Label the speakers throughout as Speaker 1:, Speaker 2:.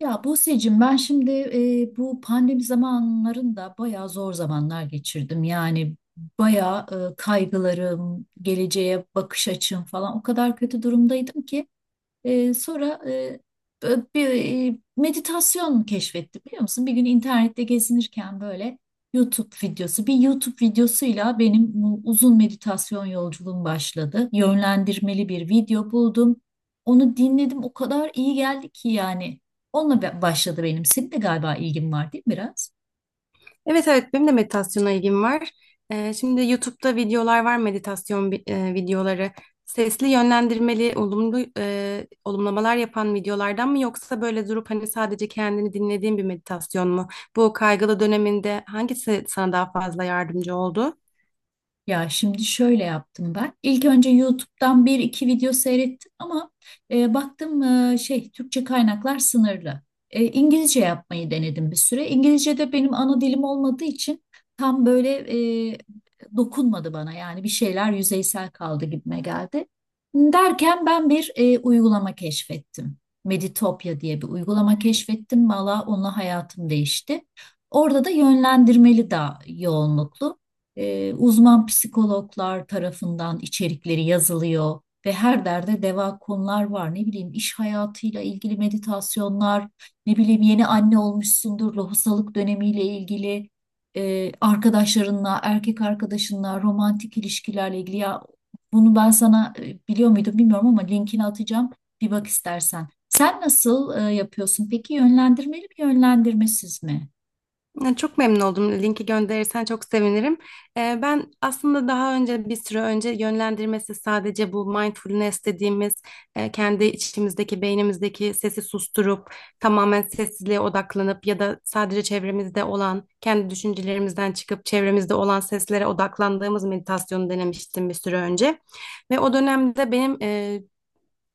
Speaker 1: Ya Buse'cim ben şimdi bu pandemi zamanlarında bayağı zor zamanlar geçirdim. Yani bayağı kaygılarım, geleceğe bakış açım falan o kadar kötü durumdaydım ki sonra bir meditasyon keşfettim biliyor musun? Bir gün internette gezinirken böyle YouTube videosu, bir YouTube videosuyla benim bu uzun meditasyon yolculuğum başladı. Yönlendirmeli bir video buldum. Onu dinledim, o kadar iyi geldi ki yani. Başladı benim. Senin de galiba ilgin var değil mi biraz?
Speaker 2: Evet evet benim de meditasyona ilgim var. Şimdi YouTube'da videolar var meditasyon videoları. Sesli yönlendirmeli olumlu olumlamalar yapan videolardan mı yoksa böyle durup hani sadece kendini dinlediğin bir meditasyon mu? Bu kaygılı döneminde hangisi sana daha fazla yardımcı oldu?
Speaker 1: Ya şimdi şöyle yaptım ben. İlk önce YouTube'dan bir iki video seyrettim ama baktım şey Türkçe kaynaklar sınırlı. İngilizce yapmayı denedim bir süre. İngilizce de benim ana dilim olmadığı için tam böyle e, dokunmadı bana. Yani bir şeyler yüzeysel kaldı gibime geldi. Derken ben bir uygulama keşfettim. Meditopya diye bir uygulama keşfettim. Valla onunla hayatım değişti. Orada da yönlendirmeli daha yoğunluklu. Uzman psikologlar tarafından içerikleri yazılıyor ve her derde deva konular var. Ne bileyim iş hayatıyla ilgili meditasyonlar, ne bileyim yeni anne olmuşsundur, lohusalık dönemiyle ilgili arkadaşlarınla, erkek arkadaşınla, romantik ilişkilerle ilgili. Ya bunu ben sana biliyor muydum bilmiyorum ama linkini atacağım. Bir bak istersen. Sen nasıl yapıyorsun? Peki yönlendirmeli mi, yönlendirmesiz mi?
Speaker 2: Ya, çok memnun oldum. Linki gönderirsen çok sevinirim. Ben aslında daha önce bir süre önce yönlendirmesi sadece bu mindfulness dediğimiz kendi içimizdeki beynimizdeki sesi susturup tamamen sessizliğe odaklanıp ya da sadece çevremizde olan kendi düşüncelerimizden çıkıp çevremizde olan seslere odaklandığımız meditasyonu denemiştim bir süre önce. Ve o dönemde benim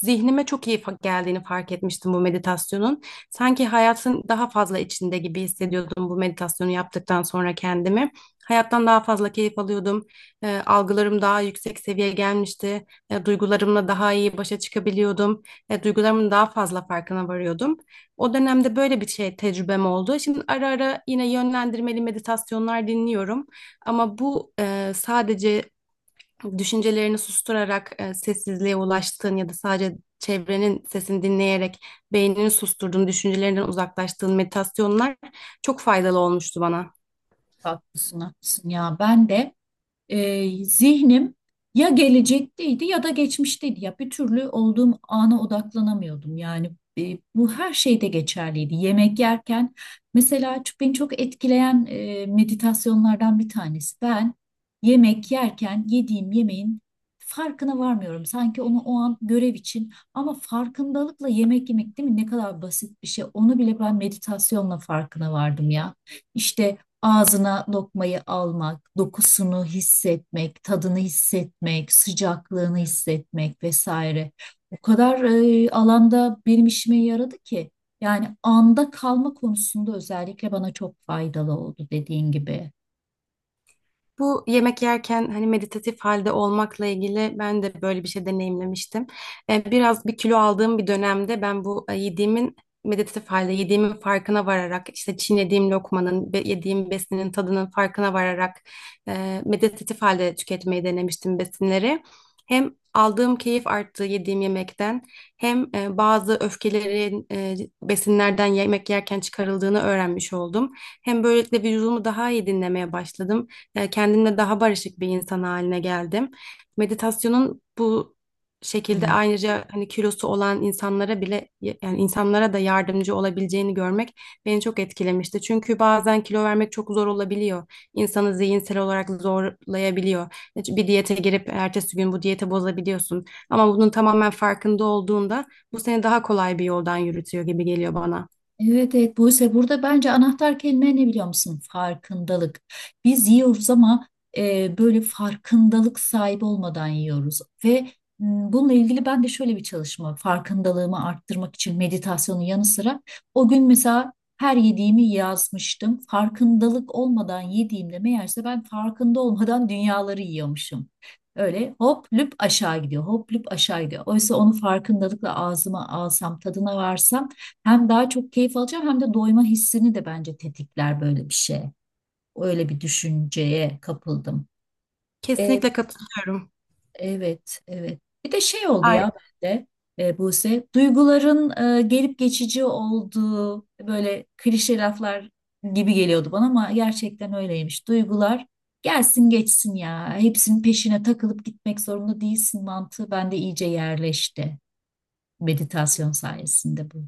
Speaker 2: zihnime çok iyi geldiğini fark etmiştim bu meditasyonun. Sanki hayatın daha fazla içinde gibi hissediyordum bu meditasyonu yaptıktan sonra kendimi. Hayattan daha fazla keyif alıyordum. Algılarım daha yüksek seviyeye gelmişti. Duygularımla daha iyi başa çıkabiliyordum. Duygularımın daha fazla farkına varıyordum. O dönemde böyle bir şey tecrübem oldu. Şimdi ara ara yine yönlendirmeli meditasyonlar dinliyorum. Ama bu sadece düşüncelerini susturarak sessizliğe ulaştığın ya da sadece çevrenin sesini dinleyerek beynini susturduğun, düşüncelerinden uzaklaştığın meditasyonlar çok faydalı olmuştu bana.
Speaker 1: Haklısın, haklısın ya. Ben de zihnim ya gelecekteydi ya da geçmişteydi. Ya bir türlü olduğum ana odaklanamıyordum. Yani bu her şeyde geçerliydi. Yemek yerken mesela çok, beni çok etkileyen meditasyonlardan bir tanesi. Ben yemek yerken yediğim yemeğin farkına varmıyorum. Sanki onu o an görev için ama farkındalıkla yemek yemek değil mi? Ne kadar basit bir şey. Onu bile ben meditasyonla farkına vardım ya. İşte ağzına lokmayı almak, dokusunu hissetmek, tadını hissetmek, sıcaklığını hissetmek vesaire. O kadar alanda benim işime yaradı ki. Yani anda kalma konusunda özellikle bana çok faydalı oldu dediğin gibi.
Speaker 2: Bu yemek yerken hani meditatif halde olmakla ilgili ben de böyle bir şey deneyimlemiştim. Biraz bir kilo aldığım bir dönemde ben bu yediğimin meditatif halde yediğimin farkına vararak işte çiğnediğim lokmanın, yediğim besinin tadının farkına vararak meditatif halde tüketmeyi denemiştim besinleri. Hem aldığım keyif arttı yediğim yemekten hem bazı öfkelerin besinlerden yemek yerken çıkarıldığını öğrenmiş oldum. Hem böylelikle vücudumu daha iyi dinlemeye başladım, kendimle daha barışık bir insan haline geldim. Meditasyonun bu şekilde ayrıca hani kilosu olan insanlara bile yani insanlara da yardımcı olabileceğini görmek beni çok etkilemişti. Çünkü bazen kilo vermek çok zor olabiliyor. İnsanı zihinsel olarak zorlayabiliyor. Bir diyete girip ertesi gün bu diyete bozabiliyorsun. Ama bunun tamamen farkında olduğunda bu seni daha kolay bir yoldan yürütüyor gibi geliyor bana.
Speaker 1: Evet, evet Buse, burada bence anahtar kelime ne biliyor musun? Farkındalık. Biz yiyoruz ama böyle farkındalık sahibi olmadan yiyoruz. Ve bununla ilgili ben de şöyle bir çalışma farkındalığımı arttırmak için meditasyonun yanı sıra o gün mesela her yediğimi yazmıştım. Farkındalık olmadan yediğimde meğerse ben farkında olmadan dünyaları yiyormuşum. Öyle hop lüp aşağı gidiyor, hop lüp aşağı gidiyor. Oysa onu farkındalıkla ağzıma alsam, tadına varsam hem daha çok keyif alacağım hem de doyma hissini de bence tetikler böyle bir şey. Öyle bir düşünceye kapıldım. E,
Speaker 2: Kesinlikle katılıyorum.
Speaker 1: evet, evet. Bir de şey oldu ya bende Buse, duyguların gelip geçici olduğu böyle klişe laflar gibi geliyordu bana ama gerçekten öyleymiş. Duygular gelsin geçsin ya. Hepsinin peşine takılıp gitmek zorunda değilsin mantığı bende iyice yerleşti meditasyon sayesinde bu.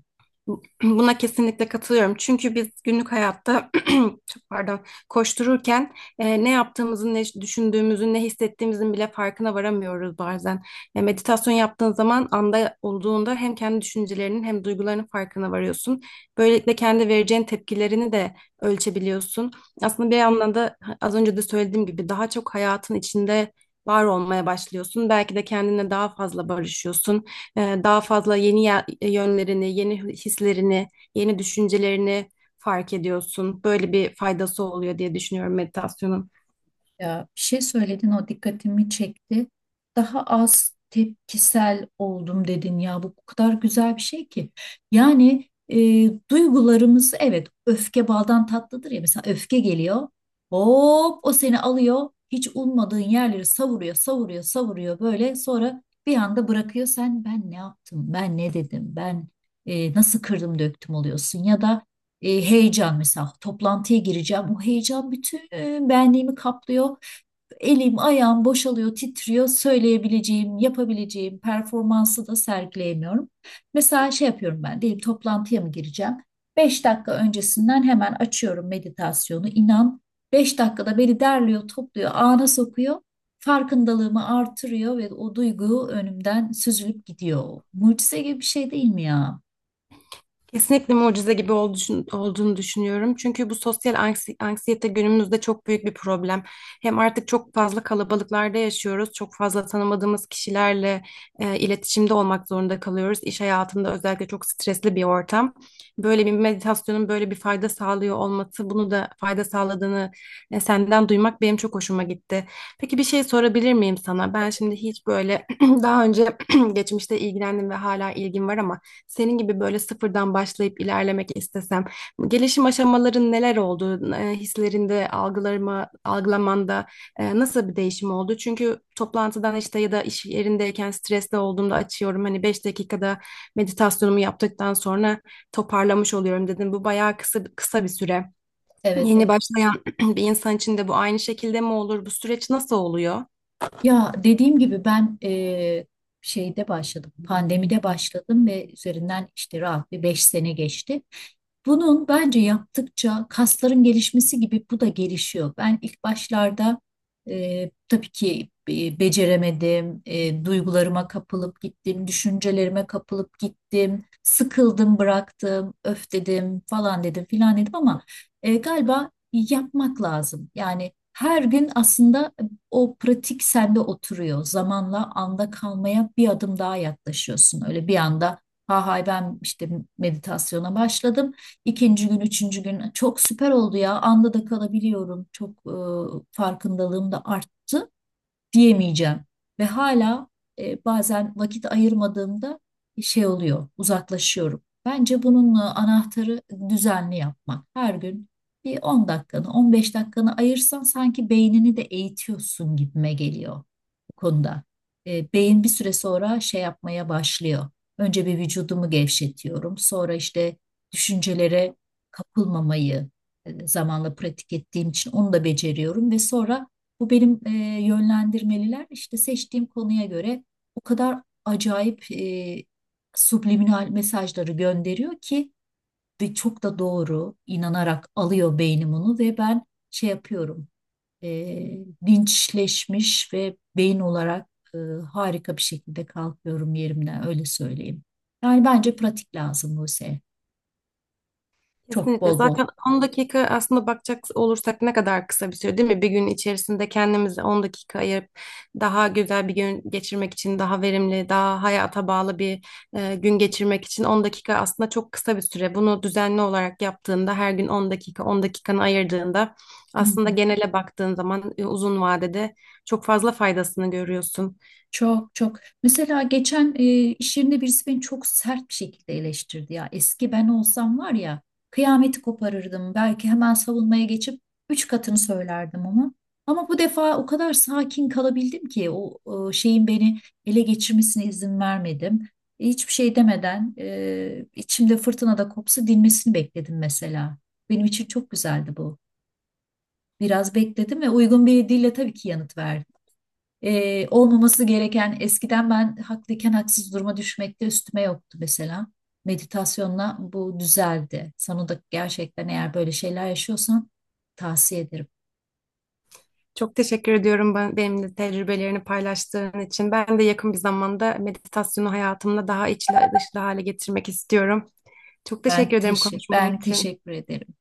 Speaker 2: Buna kesinlikle katılıyorum. Çünkü biz günlük hayatta çok pardon koştururken ne yaptığımızın, ne düşündüğümüzün, ne hissettiğimizin bile farkına varamıyoruz bazen. Meditasyon yaptığın zaman anda olduğunda hem kendi düşüncelerinin hem duygularının farkına varıyorsun. Böylelikle kendi vereceğin tepkilerini de ölçebiliyorsun. Aslında bir anlamda az önce de söylediğim gibi daha çok hayatın içinde var olmaya başlıyorsun. Belki de kendinle daha fazla barışıyorsun, daha fazla yeni yönlerini, yeni hislerini, yeni düşüncelerini fark ediyorsun. Böyle bir faydası oluyor diye düşünüyorum meditasyonun.
Speaker 1: Ya bir şey söyledin o dikkatimi çekti. Daha az tepkisel oldum dedin ya, bu kadar güzel bir şey ki. Yani duygularımız evet, öfke baldan tatlıdır ya, mesela öfke geliyor. Hop o seni alıyor, hiç ummadığın yerleri savuruyor savuruyor savuruyor böyle, sonra bir anda bırakıyor, sen ben ne yaptım, ben ne dedim, ben nasıl kırdım döktüm oluyorsun ya da heyecan mesela toplantıya gireceğim. O heyecan bütün benliğimi kaplıyor. Elim, ayağım boşalıyor, titriyor. Söyleyebileceğim, yapabileceğim performansı da sergileyemiyorum. Mesela şey yapıyorum ben, diyelim toplantıya mı gireceğim? Beş dakika öncesinden hemen açıyorum meditasyonu. İnan, beş dakikada beni derliyor, topluyor, ana sokuyor. Farkındalığımı artırıyor ve o duygu önümden süzülüp gidiyor. Mucize gibi bir şey değil mi ya?
Speaker 2: Kesinlikle mucize gibi olduğunu düşünüyorum. Çünkü bu sosyal anksiyete günümüzde çok büyük bir problem. Hem artık çok fazla kalabalıklarda yaşıyoruz. Çok fazla tanımadığımız kişilerle iletişimde olmak zorunda kalıyoruz. İş hayatında özellikle çok stresli bir ortam. Böyle bir meditasyonun böyle bir fayda sağlıyor olması, bunu da fayda sağladığını senden duymak benim çok hoşuma gitti. Peki bir şey sorabilir miyim sana? Ben şimdi hiç böyle daha önce geçmişte ilgilendim ve hala ilgim var ama senin gibi böyle sıfırdan başlayıp ilerlemek istesem, gelişim aşamaların neler oldu? Hislerinde, algılarıma, algılamanda nasıl bir değişim oldu? Çünkü toplantıdan işte ya da iş yerindeyken stresli olduğumda açıyorum. Hani 5 dakikada meditasyonumu yaptıktan sonra toparlamış oluyorum dedim. Bu bayağı kısa, kısa bir süre.
Speaker 1: Evet,
Speaker 2: Yeni
Speaker 1: evet.
Speaker 2: başlayan bir insan için de bu aynı şekilde mi olur? Bu süreç nasıl oluyor?
Speaker 1: Ya dediğim gibi ben şeyde başladım, pandemide başladım ve üzerinden işte rahat bir beş sene geçti. Bunun bence yaptıkça kasların gelişmesi gibi bu da gelişiyor. Ben ilk başlarda tabii ki beceremedim, duygularıma kapılıp gittim, düşüncelerime kapılıp gittim, sıkıldım, bıraktım, öf dedim falan dedim filan dedim ama galiba yapmak lazım. Yani her gün aslında o pratik sende oturuyor. Zamanla anda kalmaya bir adım daha yaklaşıyorsun. Öyle bir anda ha hay ben işte meditasyona başladım. İkinci gün, üçüncü gün çok süper oldu ya. Anda da kalabiliyorum. Çok farkındalığım da arttı diyemeyeceğim. Ve hala bazen vakit ayırmadığımda şey oluyor, uzaklaşıyorum. Bence bunun anahtarı düzenli yapmak. Her gün bir 10 dakikanı, 15 dakikanı ayırsan sanki beynini de eğitiyorsun gibime geliyor bu konuda. Beyin bir süre sonra şey yapmaya başlıyor. Önce bir vücudumu gevşetiyorum. Sonra işte düşüncelere kapılmamayı zamanla pratik ettiğim için onu da beceriyorum ve sonra bu benim yönlendirmeliler işte seçtiğim konuya göre o kadar acayip subliminal mesajları gönderiyor ki ve çok da doğru inanarak alıyor beynim onu ve ben şey yapıyorum e, linçleşmiş ve beyin olarak e, harika bir şekilde kalkıyorum yerimden öyle söyleyeyim. Yani bence pratik lazım Buse. Çok
Speaker 2: Kesinlikle.
Speaker 1: bol bol.
Speaker 2: Zaten 10 dakika aslında bakacak olursak ne kadar kısa bir süre değil mi? Bir gün içerisinde kendimize 10 dakika ayırıp daha güzel bir gün geçirmek için, daha verimli, daha hayata bağlı bir, gün geçirmek için 10 dakika aslında çok kısa bir süre. Bunu düzenli olarak yaptığında, her gün 10 dakika, 10 dakikanı ayırdığında
Speaker 1: Hı
Speaker 2: aslında
Speaker 1: hı.
Speaker 2: genele baktığın zaman, uzun vadede çok fazla faydasını görüyorsun.
Speaker 1: Çok çok. Mesela geçen iş yerinde birisi beni çok sert bir şekilde eleştirdi ya. Eski ben olsam var ya, kıyameti koparırdım. Belki hemen savunmaya geçip üç katını söylerdim ama. Ama bu defa o kadar sakin kalabildim ki o şeyin beni ele geçirmesine izin vermedim. Hiçbir şey demeden içimde fırtına da kopsa dinmesini bekledim mesela. Benim için çok güzeldi bu. Biraz bekledim ve uygun bir dille tabii ki yanıt verdi. Olmaması gereken eskiden ben haklıyken haksız duruma düşmekte üstüme yoktu mesela. Meditasyonla bu düzeldi. Sana da gerçekten eğer böyle şeyler yaşıyorsan tavsiye ederim.
Speaker 2: Çok teşekkür ediyorum benimle tecrübelerini paylaştığın için. Ben de yakın bir zamanda meditasyonu hayatımda daha içli dışlı hale getirmek istiyorum. Çok teşekkür ederim konuşma
Speaker 1: Ben
Speaker 2: için.
Speaker 1: teşekkür ederim.